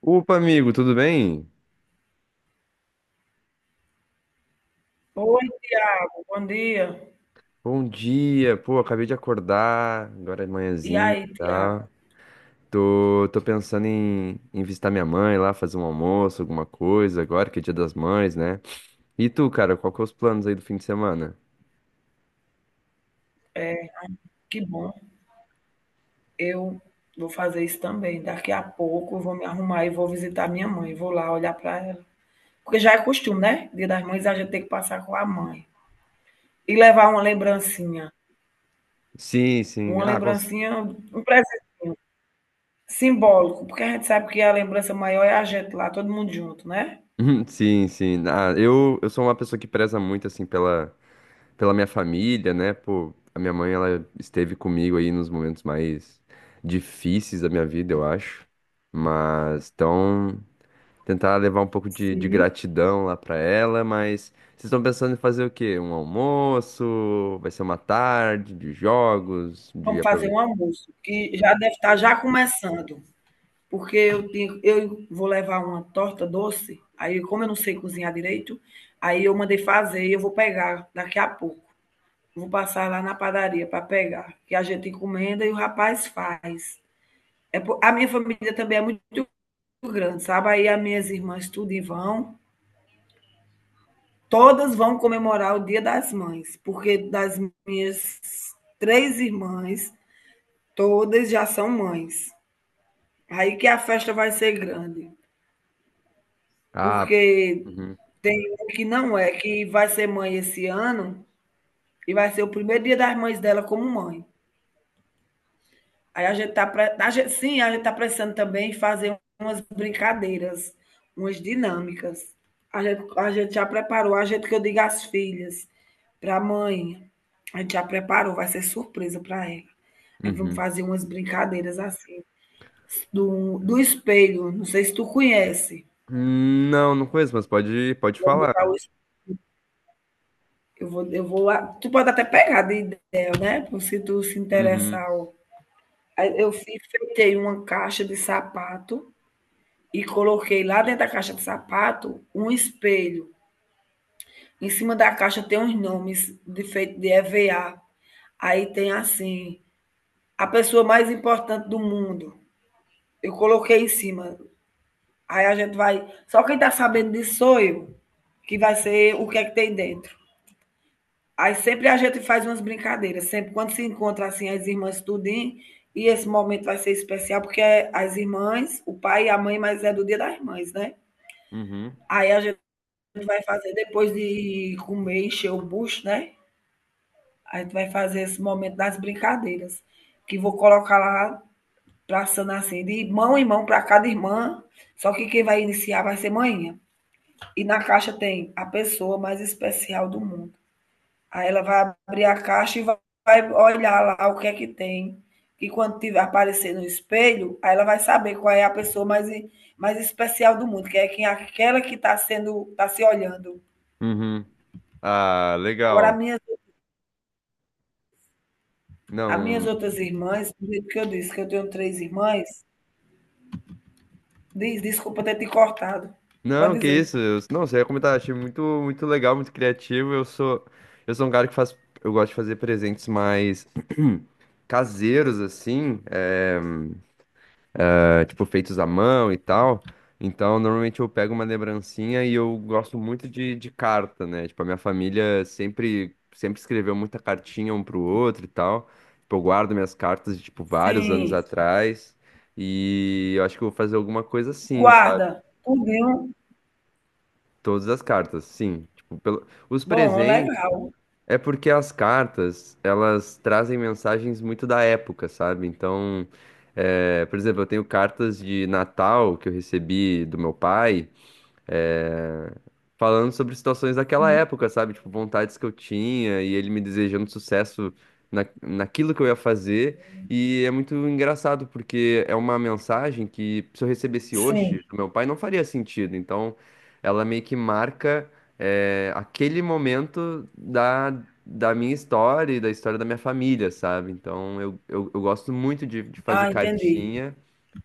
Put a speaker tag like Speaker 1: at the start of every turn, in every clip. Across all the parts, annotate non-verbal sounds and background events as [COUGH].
Speaker 1: Opa, amigo, tudo bem?
Speaker 2: Oi, Tiago, bom dia.
Speaker 1: Bom dia. Pô, acabei de acordar, agora é
Speaker 2: E
Speaker 1: manhãzinha e
Speaker 2: aí, Tiago?
Speaker 1: tal. Tô pensando em visitar minha mãe lá, fazer um almoço, alguma coisa, agora que é Dia das Mães, né? E tu, cara, qual que é os planos aí do fim de semana?
Speaker 2: É, que bom. Eu vou fazer isso também. Daqui a pouco eu vou me arrumar e vou visitar minha mãe. Vou lá olhar para ela. Porque já é costume, né? Dia das Mães a gente tem que passar com a mãe. E levar uma lembrancinha.
Speaker 1: Sim, sim.
Speaker 2: Uma lembrancinha, um presentinho simbólico. Porque a gente sabe que a lembrança maior é a gente lá, todo mundo junto, né?
Speaker 1: [LAUGHS] Sim, sim. Ah, eu sou uma pessoa que preza muito, assim, pela minha família, né? Pô, a minha mãe, ela esteve comigo aí nos momentos mais difíceis da minha vida, eu acho. Mas, então. Tentar levar um pouco de
Speaker 2: Sim.
Speaker 1: gratidão lá pra ela, mas vocês estão pensando em fazer o quê? Um almoço? Vai ser uma tarde de jogos, de
Speaker 2: Vamos fazer um
Speaker 1: aproveitar?
Speaker 2: almoço, que já deve estar já começando. Porque eu vou levar uma torta doce, aí como eu não sei cozinhar direito, aí eu mandei fazer e eu vou pegar daqui a pouco. Vou passar lá na padaria para pegar, que a gente encomenda e o rapaz faz. É, a minha família também é muito grande, sabe? Aí as minhas irmãs todas vão comemorar o Dia das Mães, porque das minhas três irmãs, todas já são mães. Aí que a festa vai ser grande,
Speaker 1: Ah,
Speaker 2: porque
Speaker 1: uhum,
Speaker 2: tem uma que não é, que vai ser mãe esse ano e vai ser o primeiro dia das mães dela como mãe. Aí a gente, sim, a gente tá precisando também fazer umas brincadeiras, umas dinâmicas. A gente já preparou, a gente que eu digo às filhas, para a mãe, a gente já preparou, vai ser surpresa para ela. Aí vamos
Speaker 1: uhum.
Speaker 2: fazer umas brincadeiras assim, do espelho, não sei se tu conhece.
Speaker 1: Não, não conheço, mas pode
Speaker 2: Vamos botar
Speaker 1: falar.
Speaker 2: o. Eu vou, eu vou. Tu pode até pegar de ideia, né? Se tu se
Speaker 1: Uhum,
Speaker 2: interessar, ó. Aí uma caixa de sapato e coloquei lá dentro da caixa de sapato um espelho. Em cima da caixa tem uns nomes de feito de EVA. Aí tem assim, a pessoa mais importante do mundo. Eu coloquei em cima. Aí a gente vai. Só quem tá sabendo disso sou eu, que vai ser o que é que tem dentro. Aí sempre a gente faz umas brincadeiras, sempre quando se encontra assim as irmãs tudinho, e esse momento vai ser especial porque é as irmãs, o pai e a mãe, mas é do Dia das Mães, né?
Speaker 1: uhum,
Speaker 2: Aí a gente vai fazer depois de comer, encher o bucho, né? A gente vai fazer esse momento das brincadeiras, que vou colocar lá traçando assim, de mão em mão para cada irmã, só que quem vai iniciar vai ser manhã. E na caixa tem a pessoa mais especial do mundo. Aí ela vai abrir a caixa e vai olhar lá o que é que tem. E quando tiver, aparecer no espelho, aí ela vai saber qual é a pessoa mais, mais especial do mundo, que é quem, aquela que está sendo, está se olhando.
Speaker 1: uhum. Ah,
Speaker 2: Agora, as
Speaker 1: legal.
Speaker 2: minhas, as minhas
Speaker 1: Não,
Speaker 2: outras irmãs, do jeito que eu disse, que eu tenho três irmãs, desculpa ter te cortado. Pode
Speaker 1: não, que
Speaker 2: dizer.
Speaker 1: isso? Não, você ia comentar, achei muito, muito legal, muito criativo. Eu sou um cara que faz, eu gosto de fazer presentes mais [CLEARS THROAT] caseiros assim, é, tipo, feitos à mão e tal. Então, normalmente eu pego uma lembrancinha e eu gosto muito de carta, né? Tipo, a minha família sempre, sempre escreveu muita cartinha um pro outro e tal. Tipo, eu guardo minhas cartas de, tipo, vários anos
Speaker 2: Sim.
Speaker 1: atrás. E eu acho que eu vou fazer alguma coisa assim, sabe?
Speaker 2: Guarda. Tudinho.
Speaker 1: Todas as cartas, sim. Tipo, pelo... Os
Speaker 2: Bom,
Speaker 1: presentes.
Speaker 2: legal.
Speaker 1: É porque as cartas, elas trazem mensagens muito da época, sabe? Então, é, por exemplo, eu tenho cartas de Natal que eu recebi do meu pai, é, falando sobre situações daquela
Speaker 2: Sim.
Speaker 1: época, sabe? Tipo, vontades que eu tinha e ele me desejando sucesso naquilo que eu ia fazer. E é muito engraçado, porque é uma mensagem que, se eu recebesse
Speaker 2: Sim.
Speaker 1: hoje do meu pai, não faria sentido. Então, ela meio que marca, é, aquele momento Da minha história e da história da minha família, sabe? Então, eu gosto muito de fazer
Speaker 2: Ah, entendi.
Speaker 1: cartinha,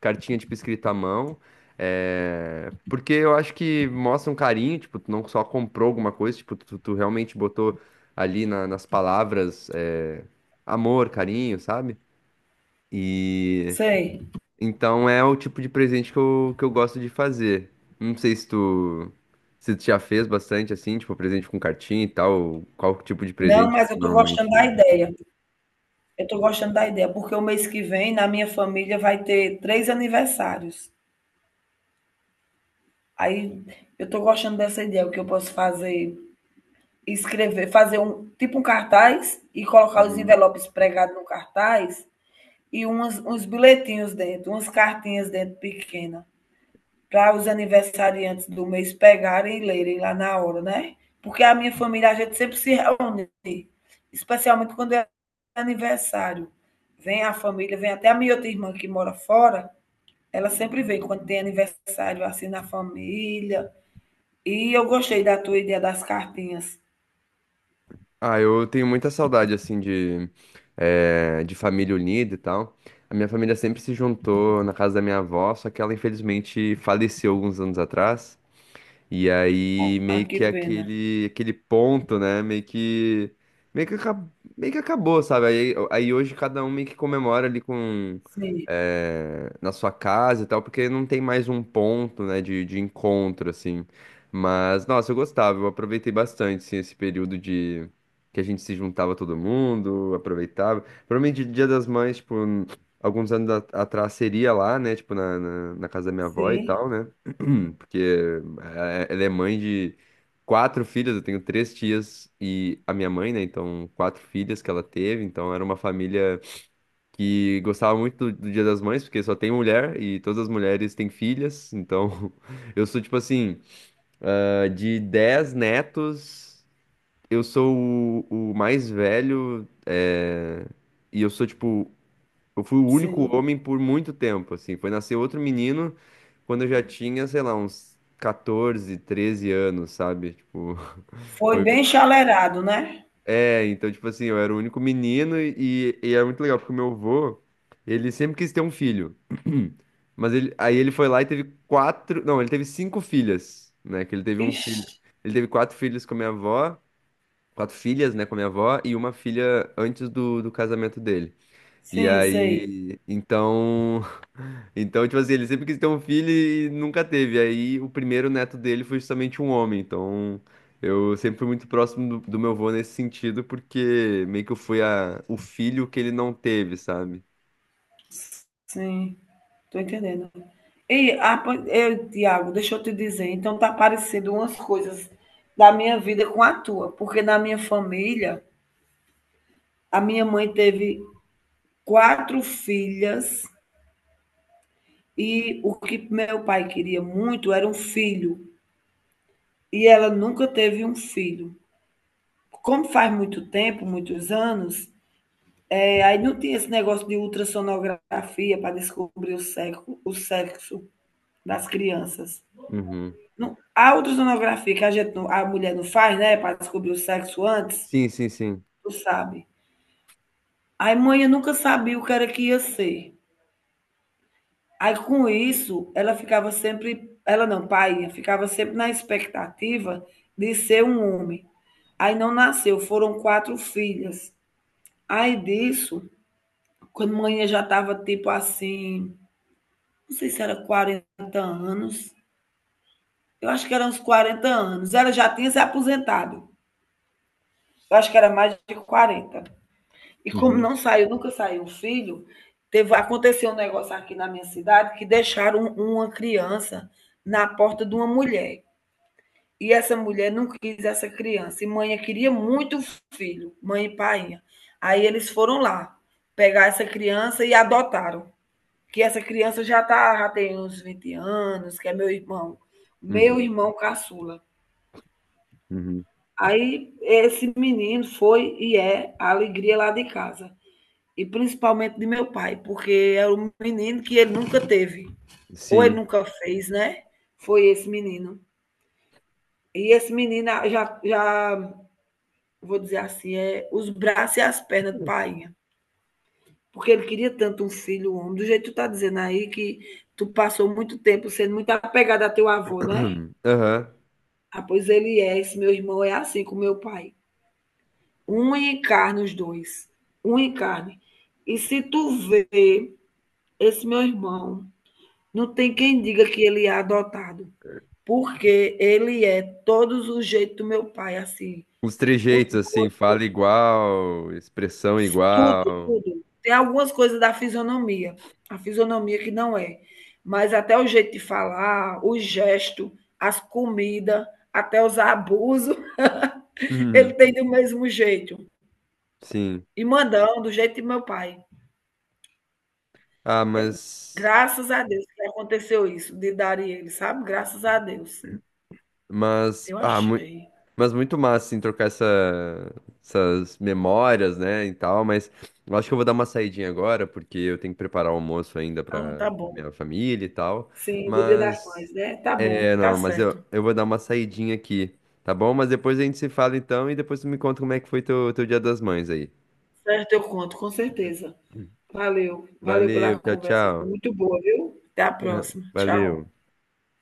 Speaker 1: cartinha tipo escrita à mão. É, porque eu acho que mostra um carinho, tipo, tu não só comprou alguma coisa, tipo, tu realmente botou ali nas palavras, é, amor, carinho, sabe? E
Speaker 2: Sei.
Speaker 1: então é o tipo de presente que eu gosto de fazer. Não sei se tu já fez bastante assim, tipo, presente com cartinha e tal, qual tipo de
Speaker 2: Não,
Speaker 1: presente
Speaker 2: mas eu estou gostando da
Speaker 1: normalmente.
Speaker 2: ideia. Eu tô gostando da ideia, porque o mês que vem, na minha família, vai ter três aniversários. Aí eu tô gostando dessa ideia, o que eu posso fazer, escrever, fazer um tipo um cartaz e colocar os
Speaker 1: Uhum.
Speaker 2: envelopes pregados no cartaz e umas, uns bilhetinhos dentro, umas cartinhas dentro pequena, para os aniversariantes do mês pegarem e lerem lá na hora, né? Porque a minha família, a gente sempre se reúne, especialmente quando é aniversário. Vem a família, vem até a minha outra irmã que mora fora, ela sempre vem quando tem aniversário assim na família. E eu gostei da tua ideia das cartinhas.
Speaker 1: Ah, eu tenho muita saudade, assim, de família unida e tal. A minha família sempre se juntou na casa da minha avó, só que ela infelizmente faleceu alguns anos atrás. E aí
Speaker 2: Ah,
Speaker 1: meio
Speaker 2: que
Speaker 1: que
Speaker 2: pena.
Speaker 1: aquele ponto, né? Meio que, acab- meio que acabou, sabe? Aí hoje cada um meio que comemora ali com
Speaker 2: Sim,
Speaker 1: na sua casa e tal, porque não tem mais um ponto, né, de encontro assim. Mas nossa, eu gostava, eu aproveitei bastante assim, esse período de que a gente se juntava todo mundo, aproveitava. Provavelmente Dia das Mães, tipo, alguns anos atrás seria lá, né, tipo na casa da minha avó e
Speaker 2: sim,
Speaker 1: tal, né? Porque ela é mãe de quatro filhas, eu tenho três tias e a minha mãe, né? Então, quatro filhas que ela teve. Então, era uma família que gostava muito do Dia das Mães, porque só tem mulher e todas as mulheres têm filhas. Então, [LAUGHS] eu sou tipo assim, ah, de 10 netos, eu sou o mais velho, e eu sou tipo eu fui o único
Speaker 2: sim.
Speaker 1: homem por muito tempo, assim. Foi nascer outro menino quando eu já tinha, sei lá, uns 14 13 anos, sabe? Tipo, [LAUGHS]
Speaker 2: Foi
Speaker 1: foi.
Speaker 2: bem chalerado, né?
Speaker 1: É, então, tipo assim, eu era o único menino e era muito legal, porque o meu avô, ele sempre quis ter um filho. [CLEARS THROAT] Mas ele, aí ele foi lá e teve quatro. Não, ele teve cinco filhas, né? Que ele teve um
Speaker 2: Ixi,
Speaker 1: filho. Ele teve quatro filhos com a minha avó, quatro filhas, né, com a minha avó, e uma filha antes do casamento dele. E
Speaker 2: sim, sei.
Speaker 1: aí, então. Então, tipo assim, ele sempre quis ter um filho e nunca teve. Aí o primeiro neto dele foi justamente um homem. Então, eu sempre fui muito próximo do meu avô nesse sentido, porque meio que eu fui o filho que ele não teve, sabe?
Speaker 2: Sim. Tô entendendo. Ei, Tiago, deixa eu te dizer, então tá parecendo umas coisas da minha vida com a tua, porque na minha família, a minha mãe teve quatro filhas e o que meu pai queria muito era um filho, e ela nunca teve um filho. Como faz muito tempo, muitos anos, é, aí não tinha esse negócio de ultrassonografia para descobrir o sexo das crianças.
Speaker 1: Uhum.
Speaker 2: Não, há ultrassonografia que a mulher não faz, né? Para descobrir o sexo antes,
Speaker 1: Sim, sim, sim.
Speaker 2: tu sabe. Aí mãe eu nunca sabia o que era que ia ser. Aí com isso, ela ficava sempre, ela não, pai, ficava sempre na expectativa de ser um homem. Aí não nasceu, foram quatro filhas. Aí disso, quando mãe já estava tipo assim, não sei se era 40 anos, eu acho que eram uns 40 anos. Ela já tinha se aposentado. Eu acho que era mais de 40. E como
Speaker 1: Uhum.
Speaker 2: não saiu, nunca saiu o filho, teve, aconteceu um negócio aqui na minha cidade que deixaram um, uma criança na porta de uma mulher. E essa mulher não quis essa criança. E mãe queria muito o filho, mãe e painha. Aí eles foram lá pegar essa criança e adotaram. Que essa criança já tem uns 20 anos, que é meu
Speaker 1: Uhum,
Speaker 2: irmão caçula.
Speaker 1: uhum.
Speaker 2: Aí esse menino foi e é a alegria lá de casa, e principalmente de meu pai, porque era um menino que ele nunca teve, ou ele
Speaker 1: Sim.
Speaker 2: nunca fez, né? Foi esse menino. E esse menino já vou dizer assim, é os braços e as pernas de painha, porque ele queria tanto um filho um homem, do jeito que tu tá dizendo aí, que tu passou muito tempo sendo muito apegada a teu avô, né?
Speaker 1: [CLEARS THROAT] Aham.
Speaker 2: Ah, pois ele é, esse meu irmão é assim com meu pai. Um encarna os dois, um encarne. E se tu vê esse meu irmão, não tem quem diga que ele é adotado, porque ele é todos os jeitos do meu pai, assim,
Speaker 1: Os
Speaker 2: os
Speaker 1: trejeitos, assim,
Speaker 2: gostos,
Speaker 1: fala igual, expressão
Speaker 2: tudo,
Speaker 1: igual.
Speaker 2: tudo. Tem algumas coisas da fisionomia, a fisionomia que não é, mas até o jeito de falar, o gesto, as comidas, até os abusos, [LAUGHS] ele
Speaker 1: Uhum.
Speaker 2: tem do mesmo jeito.
Speaker 1: Sim.
Speaker 2: E mandão, do jeito de meu pai.
Speaker 1: Ah, mas.
Speaker 2: Graças a Deus que aconteceu isso, de dar ele, sabe? Graças a Deus.
Speaker 1: Mas.
Speaker 2: Eu achei.
Speaker 1: Mas muito massa, assim, trocar essa, essas memórias, né, e tal, mas eu acho que eu vou dar uma saidinha agora, porque eu tenho que preparar o almoço ainda
Speaker 2: Ah,
Speaker 1: para
Speaker 2: tá bom.
Speaker 1: minha família e tal,
Speaker 2: Sim, do Dia das
Speaker 1: mas,
Speaker 2: Mães, né. Tá bom,
Speaker 1: é,
Speaker 2: tá
Speaker 1: não, mas eu,
Speaker 2: certo.
Speaker 1: eu vou dar uma saidinha aqui, tá bom? Mas depois a gente se fala então, e depois tu me conta como é que foi teu Dia das Mães aí.
Speaker 2: Certo, eu conto, com certeza. Valeu, valeu
Speaker 1: Valeu,
Speaker 2: pela
Speaker 1: tchau,
Speaker 2: conversa, foi
Speaker 1: tchau.
Speaker 2: muito boa, viu. Até a
Speaker 1: [LAUGHS]
Speaker 2: próxima,
Speaker 1: Valeu.
Speaker 2: tchau.